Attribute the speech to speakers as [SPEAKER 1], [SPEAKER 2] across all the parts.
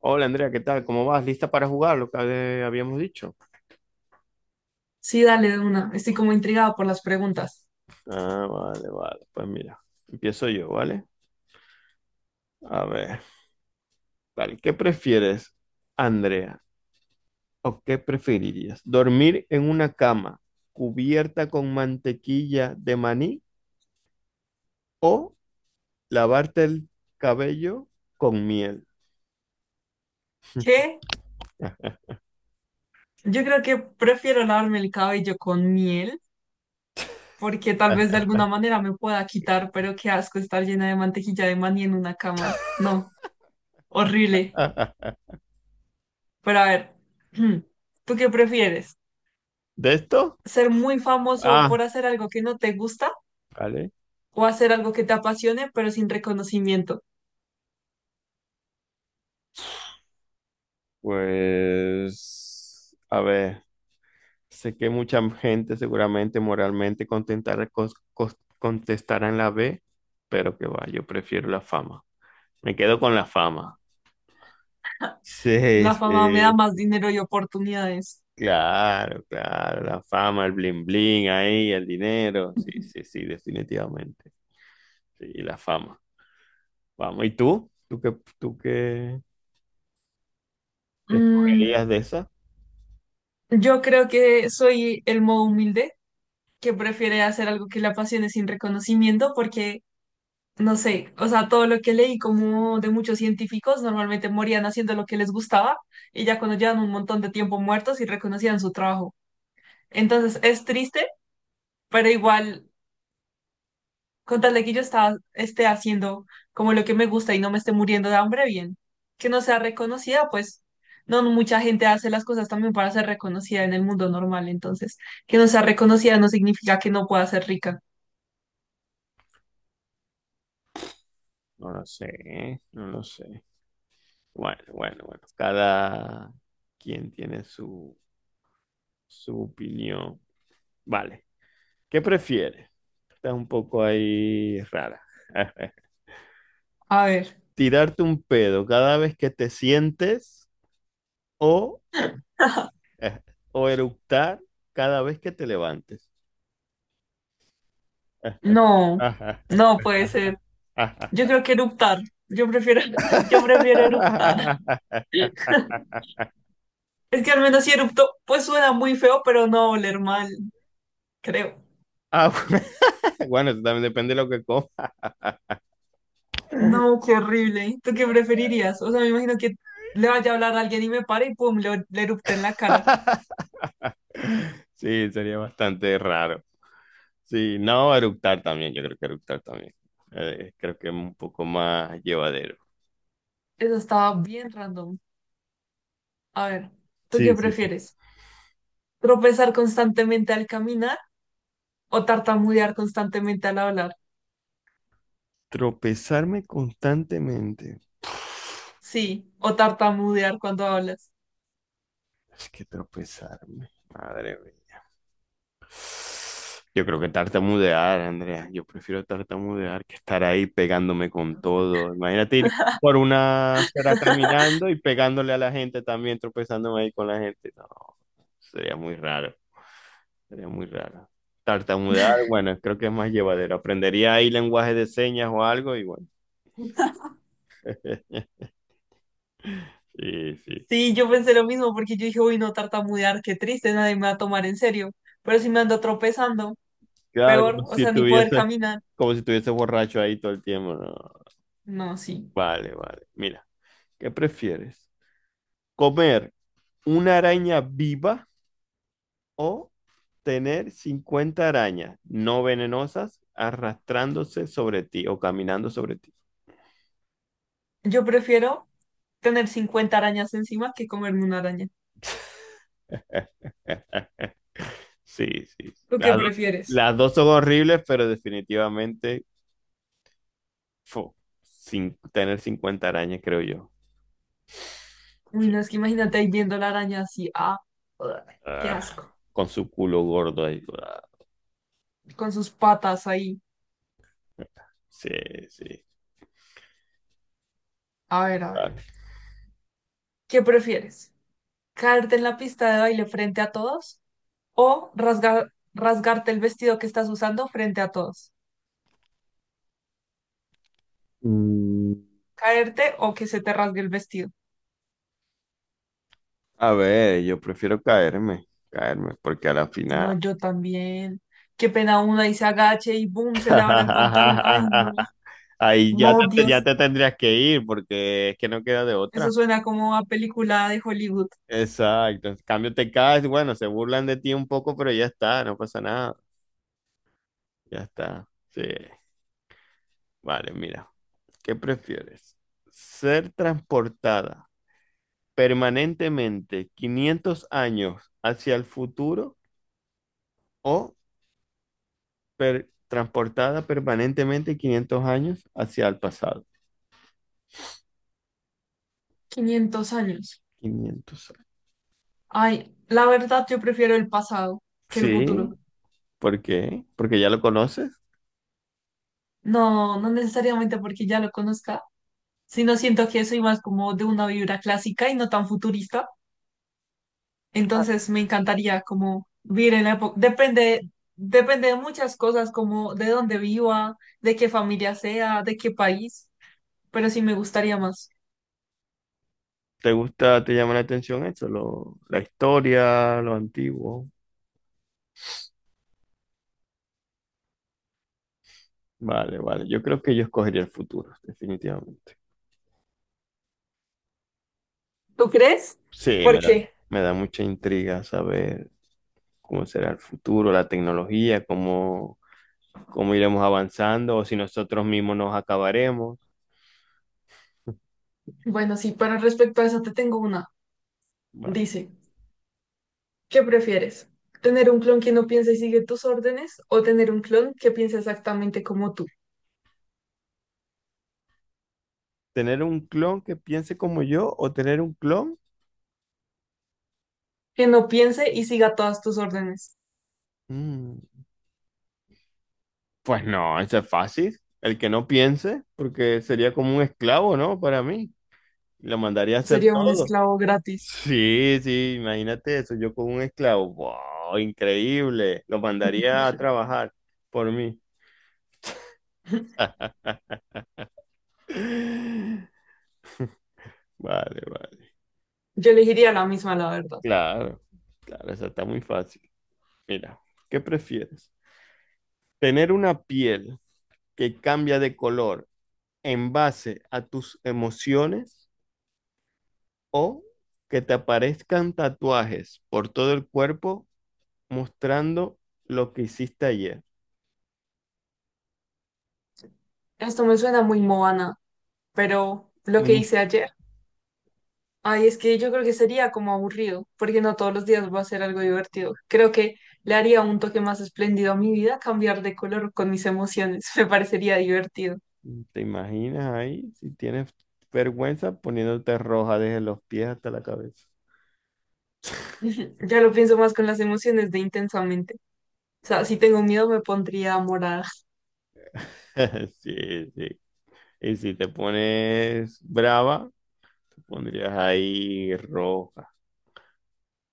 [SPEAKER 1] Hola Andrea, ¿qué tal? ¿Cómo vas? ¿Lista para jugar lo que habíamos dicho?
[SPEAKER 2] Sí, dale de una. Estoy como intrigada por las preguntas.
[SPEAKER 1] Ah, vale, vale. Pues mira, empiezo yo, ¿vale? A ver, vale. ¿Qué prefieres, Andrea? ¿O qué preferirías? ¿Dormir en una cama cubierta con mantequilla de maní o lavarte el cabello con miel?
[SPEAKER 2] ¿Qué? Yo creo que prefiero lavarme el cabello con miel, porque tal vez de alguna manera me pueda quitar, pero qué asco estar llena de mantequilla de maní en una cama. No, horrible. Pero a ver, ¿tú qué prefieres?
[SPEAKER 1] ¿De esto?
[SPEAKER 2] ¿Ser muy famoso
[SPEAKER 1] Ah,
[SPEAKER 2] por hacer algo que no te gusta
[SPEAKER 1] vale.
[SPEAKER 2] o hacer algo que te apasione, pero sin reconocimiento?
[SPEAKER 1] Pues, a ver. Sé que mucha gente seguramente moralmente contestará en la B, pero que va, yo prefiero la fama. Me quedo con la fama. Sí,
[SPEAKER 2] La fama me da
[SPEAKER 1] sí,
[SPEAKER 2] más dinero y oportunidades.
[SPEAKER 1] claro, claro, la fama, el bling bling ahí, el dinero. Sí, sí, sí, definitivamente. Sí, la fama. Vamos, ¿y tú? ¿Qué
[SPEAKER 2] Mm,
[SPEAKER 1] escogerías de esa?
[SPEAKER 2] yo creo que soy el modo humilde que prefiere hacer algo que le apasione sin reconocimiento porque, no sé, o sea, todo lo que leí como de muchos científicos normalmente morían haciendo lo que les gustaba y ya cuando llevan un montón de tiempo muertos y reconocían su trabajo. Entonces es triste, pero igual, con tal de que yo estaba, esté haciendo como lo que me gusta y no me esté muriendo de hambre, bien. Que no sea reconocida, pues no mucha gente hace las cosas también para ser reconocida en el mundo normal, entonces que no sea reconocida no significa que no pueda ser rica.
[SPEAKER 1] No lo sé, no lo sé. Bueno, bueno, bueno, cada quien tiene su opinión. Vale. ¿Qué prefieres? Está un poco ahí rara.
[SPEAKER 2] A ver.
[SPEAKER 1] ¿Tirarte un pedo cada vez que te sientes o, o eructar cada vez que te levantes?
[SPEAKER 2] No, no puede ser. Yo creo que eruptar. Yo prefiero, yo prefiero eruptar. Es que al menos si erupto, pues suena muy feo, pero no va a oler mal, creo.
[SPEAKER 1] Ah, bueno, bueno, eso también depende de lo que comas.
[SPEAKER 2] No, qué horrible. ¿Tú qué preferirías? O sea, me imagino que le vaya a hablar a alguien y me pare y pum, le erupte en la cara.
[SPEAKER 1] Sí, sería bastante raro. Sí, no, eructar también, yo creo que eructar también. Creo que es un poco más llevadero.
[SPEAKER 2] Eso estaba bien random. A ver, ¿tú qué
[SPEAKER 1] Sí, sí, sí.
[SPEAKER 2] prefieres? ¿Tropezar constantemente al caminar o tartamudear constantemente al hablar?
[SPEAKER 1] Tropezarme constantemente.
[SPEAKER 2] Sí, o tartamudear cuando hablas.
[SPEAKER 1] Es que tropezarme, madre mía. Yo creo que tartamudear, Andrea. Yo prefiero tartamudear que estar ahí pegándome con todo. Imagínate ir por una acera caminando y pegándole a la gente también, tropezándome ahí con la gente. No, sería muy raro. Sería muy raro. Tartamudear, bueno, creo que es más llevadero. Aprendería ahí lenguaje de señas o algo, y bueno. Sí, sí.
[SPEAKER 2] Sí, yo pensé lo mismo porque yo dije, uy, no tartamudear, qué triste, nadie me va a tomar en serio. Pero si me ando tropezando,
[SPEAKER 1] Claro, como
[SPEAKER 2] peor, o
[SPEAKER 1] si
[SPEAKER 2] sea, ni poder
[SPEAKER 1] tuviese,
[SPEAKER 2] caminar.
[SPEAKER 1] como si tuviese borracho ahí todo el tiempo. No.
[SPEAKER 2] No, sí.
[SPEAKER 1] Vale, vale. Mira, ¿qué prefieres? ¿Comer una araña viva o tener 50 arañas no venenosas arrastrándose sobre ti o caminando sobre ti?
[SPEAKER 2] Yo prefiero tener 50 arañas encima que comerme una araña.
[SPEAKER 1] Sí, sí.
[SPEAKER 2] ¿Tú qué
[SPEAKER 1] Las do-
[SPEAKER 2] prefieres?
[SPEAKER 1] las dos son horribles, pero definitivamente, fu, sin tener 50 arañas, creo yo.
[SPEAKER 2] Uy, no, es que imagínate ahí viendo la araña así, ah, ugh, qué
[SPEAKER 1] Ah,
[SPEAKER 2] asco,
[SPEAKER 1] con su culo gordo ahí. Ah,
[SPEAKER 2] con sus patas ahí.
[SPEAKER 1] sí, sí.
[SPEAKER 2] A ver, a
[SPEAKER 1] Ah.
[SPEAKER 2] ver. ¿Qué prefieres? ¿Caerte en la pista de baile frente a todos o rasgarte el vestido que estás usando frente a todos?
[SPEAKER 1] Mm,
[SPEAKER 2] Caerte o que se te rasgue el vestido.
[SPEAKER 1] A ver, yo prefiero caerme, caerme, porque a la
[SPEAKER 2] No,
[SPEAKER 1] final.
[SPEAKER 2] yo también. Qué pena una y se agache y boom, se le abra el pantalón. Ay, no,
[SPEAKER 1] Ahí ya
[SPEAKER 2] no,
[SPEAKER 1] te, ya
[SPEAKER 2] Dios.
[SPEAKER 1] te tendrías que ir, porque es que no queda de
[SPEAKER 2] Eso
[SPEAKER 1] otra.
[SPEAKER 2] suena como a película de Hollywood.
[SPEAKER 1] Exacto. En cambio, te caes, bueno, se burlan de ti un poco, pero ya está, no pasa nada. Ya está. Sí. Vale, mira. ¿Qué prefieres? ¿Ser transportada permanentemente 500 años hacia el futuro o transportada permanentemente 500 años hacia el pasado?
[SPEAKER 2] 500 años.
[SPEAKER 1] 500 años.
[SPEAKER 2] Ay, la verdad yo prefiero el pasado que el
[SPEAKER 1] Sí,
[SPEAKER 2] futuro.
[SPEAKER 1] ¿por qué? Porque ya lo conoces.
[SPEAKER 2] No, no necesariamente porque ya lo conozca, sino siento que soy más como de una vibra clásica y no tan futurista. Entonces me encantaría como vivir en la época, depende, depende de muchas cosas, como de dónde viva, de qué familia sea, de qué país, pero sí me gustaría más.
[SPEAKER 1] ¿Te gusta, te llama la atención eso? La historia, lo antiguo. Vale, vale. Yo creo que yo escogería el futuro, definitivamente.
[SPEAKER 2] ¿Tú crees?
[SPEAKER 1] Sí,
[SPEAKER 2] ¿Por
[SPEAKER 1] me da,
[SPEAKER 2] qué?
[SPEAKER 1] me da mucha intriga saber cómo será el futuro, la tecnología, cómo iremos avanzando, o si nosotros mismos nos acabaremos.
[SPEAKER 2] Bueno, sí, pero respecto a eso te tengo una.
[SPEAKER 1] Va.
[SPEAKER 2] Dice, ¿qué prefieres? ¿Tener un clon que no piense y sigue tus órdenes o tener un clon que piense exactamente como tú?
[SPEAKER 1] ¿Tener un clon que piense como yo o tener un clon?
[SPEAKER 2] Que no piense y siga todas tus órdenes.
[SPEAKER 1] Mm, pues no, eso es fácil. El que no piense, porque sería como un esclavo, ¿no? Para mí. Lo mandaría a hacer
[SPEAKER 2] Sería un
[SPEAKER 1] todo.
[SPEAKER 2] esclavo gratis.
[SPEAKER 1] Sí, sí, imagínate eso, yo con un esclavo, wow, increíble, lo mandaría a trabajar por mí. Vale, vale.
[SPEAKER 2] Yo elegiría la misma, la verdad.
[SPEAKER 1] Claro, claro, esa está muy fácil. Mira, ¿qué prefieres? ¿Tener una piel que cambia de color en base a tus emociones o que te aparezcan tatuajes por todo el cuerpo mostrando lo que hiciste ayer?
[SPEAKER 2] Esto me suena muy Moana, pero lo que
[SPEAKER 1] Mm,
[SPEAKER 2] hice ayer, ay, es que yo creo que sería como aburrido, porque no todos los días va a ser algo divertido. Creo que le haría un toque más espléndido a mi vida cambiar de color con mis emociones, me parecería divertido.
[SPEAKER 1] ¿Te imaginas ahí si tienes vergüenza poniéndote roja desde los pies hasta la cabeza?
[SPEAKER 2] Ujú. Ya lo pienso más con las emociones de intensamente. O sea, si tengo miedo me pondría morada.
[SPEAKER 1] Sí, sí. Y si te pones brava, tú pondrías ahí roja,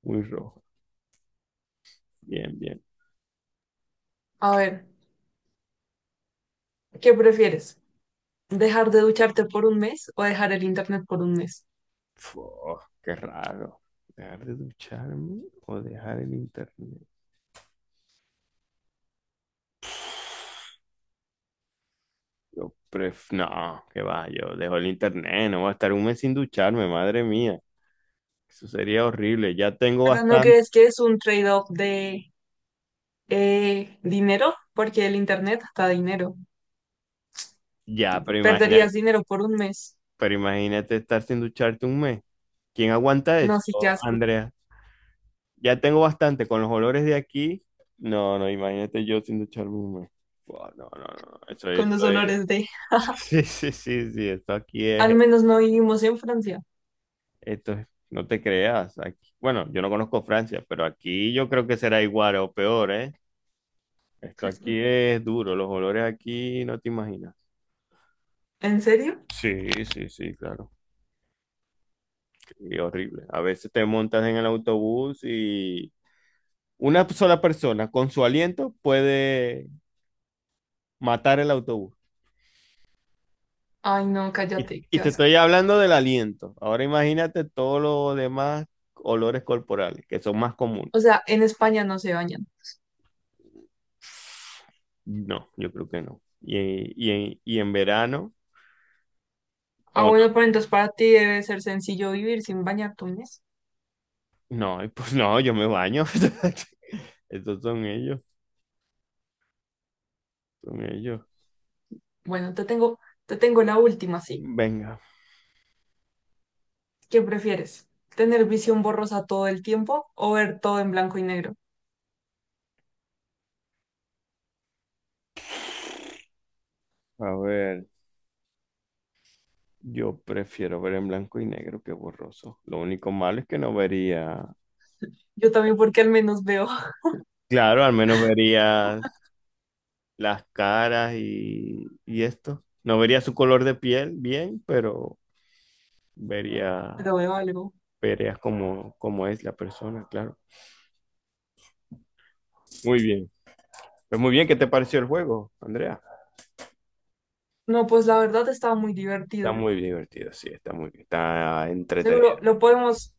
[SPEAKER 1] muy roja. Bien, bien.
[SPEAKER 2] A ver, ¿qué prefieres? ¿Dejar de ducharte por un mes o dejar el internet por un mes?
[SPEAKER 1] Fu, qué raro. ¿Dejar de ducharme o dejar el internet? No, qué va, yo dejo el internet, no voy a estar un mes sin ducharme, madre mía. Eso sería horrible. Ya tengo
[SPEAKER 2] Pero ¿no
[SPEAKER 1] bastante.
[SPEAKER 2] crees que es un trade-off de dinero? Porque el internet da dinero.
[SPEAKER 1] Ya, pero
[SPEAKER 2] Perderías
[SPEAKER 1] imagínate,
[SPEAKER 2] dinero por un mes.
[SPEAKER 1] pero imagínate estar sin ducharte un mes. ¿Quién aguanta
[SPEAKER 2] No,
[SPEAKER 1] eso,
[SPEAKER 2] sí, qué asco.
[SPEAKER 1] Andrea? Ya tengo bastante con los olores de aquí. No, no, imagínate yo sin ducharme un mes. Buah, no, no, no. Eso,
[SPEAKER 2] Con
[SPEAKER 1] eso
[SPEAKER 2] los
[SPEAKER 1] es.
[SPEAKER 2] olores de...
[SPEAKER 1] Sí, sí, sí, sí, esto aquí es,
[SPEAKER 2] Al menos no vivimos en Francia.
[SPEAKER 1] esto es, no te creas, aquí, bueno, yo no conozco Francia, pero aquí yo creo que será igual o peor, ¿eh? Esto aquí es duro, los olores aquí no te imaginas.
[SPEAKER 2] ¿En serio?
[SPEAKER 1] Sí, sí, sí, claro, y horrible. A veces te montas en el autobús y una sola persona con su aliento puede matar el autobús.
[SPEAKER 2] Ay, no,
[SPEAKER 1] Y,
[SPEAKER 2] cállate,
[SPEAKER 1] y
[SPEAKER 2] qué
[SPEAKER 1] te
[SPEAKER 2] asco.
[SPEAKER 1] estoy hablando del aliento. Ahora imagínate todos los demás olores corporales, que son más comunes.
[SPEAKER 2] O sea, en España no se bañan.
[SPEAKER 1] No, yo creo que no. Y, y en verano,
[SPEAKER 2] Ah,
[SPEAKER 1] o no,
[SPEAKER 2] bueno, pero entonces para ti debe ser sencillo vivir sin bañarte un mes.
[SPEAKER 1] no, pues no, yo me baño. Estos son ellos, son ellos.
[SPEAKER 2] Bueno, te tengo la última, sí.
[SPEAKER 1] Venga,
[SPEAKER 2] ¿Qué prefieres? ¿Tener visión borrosa todo el tiempo o ver todo en blanco y negro?
[SPEAKER 1] a ver, yo prefiero ver en blanco y negro que borroso. Lo único malo es que no vería,
[SPEAKER 2] Yo también porque al menos veo,
[SPEAKER 1] claro, al menos verías las caras y, esto. No vería su color de piel bien, pero vería,
[SPEAKER 2] pero veo algo.
[SPEAKER 1] verías cómo es la persona, claro. Muy bien. Pues muy bien, ¿qué te pareció el juego, Andrea?
[SPEAKER 2] No, pues la verdad estaba muy
[SPEAKER 1] Está
[SPEAKER 2] divertido.
[SPEAKER 1] muy divertido, sí, está
[SPEAKER 2] Seguro
[SPEAKER 1] entretenido.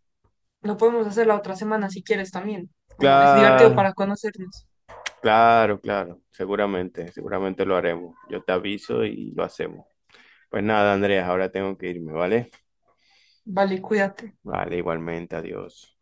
[SPEAKER 2] lo podemos hacer la otra semana si quieres también. Como es divertido
[SPEAKER 1] Claro,
[SPEAKER 2] para conocernos.
[SPEAKER 1] claro, claro, seguramente, seguramente lo haremos. Yo te aviso y lo hacemos. Pues nada, Andrea, ahora tengo que irme, ¿vale?
[SPEAKER 2] Vale, cuídate.
[SPEAKER 1] Vale, igualmente, adiós.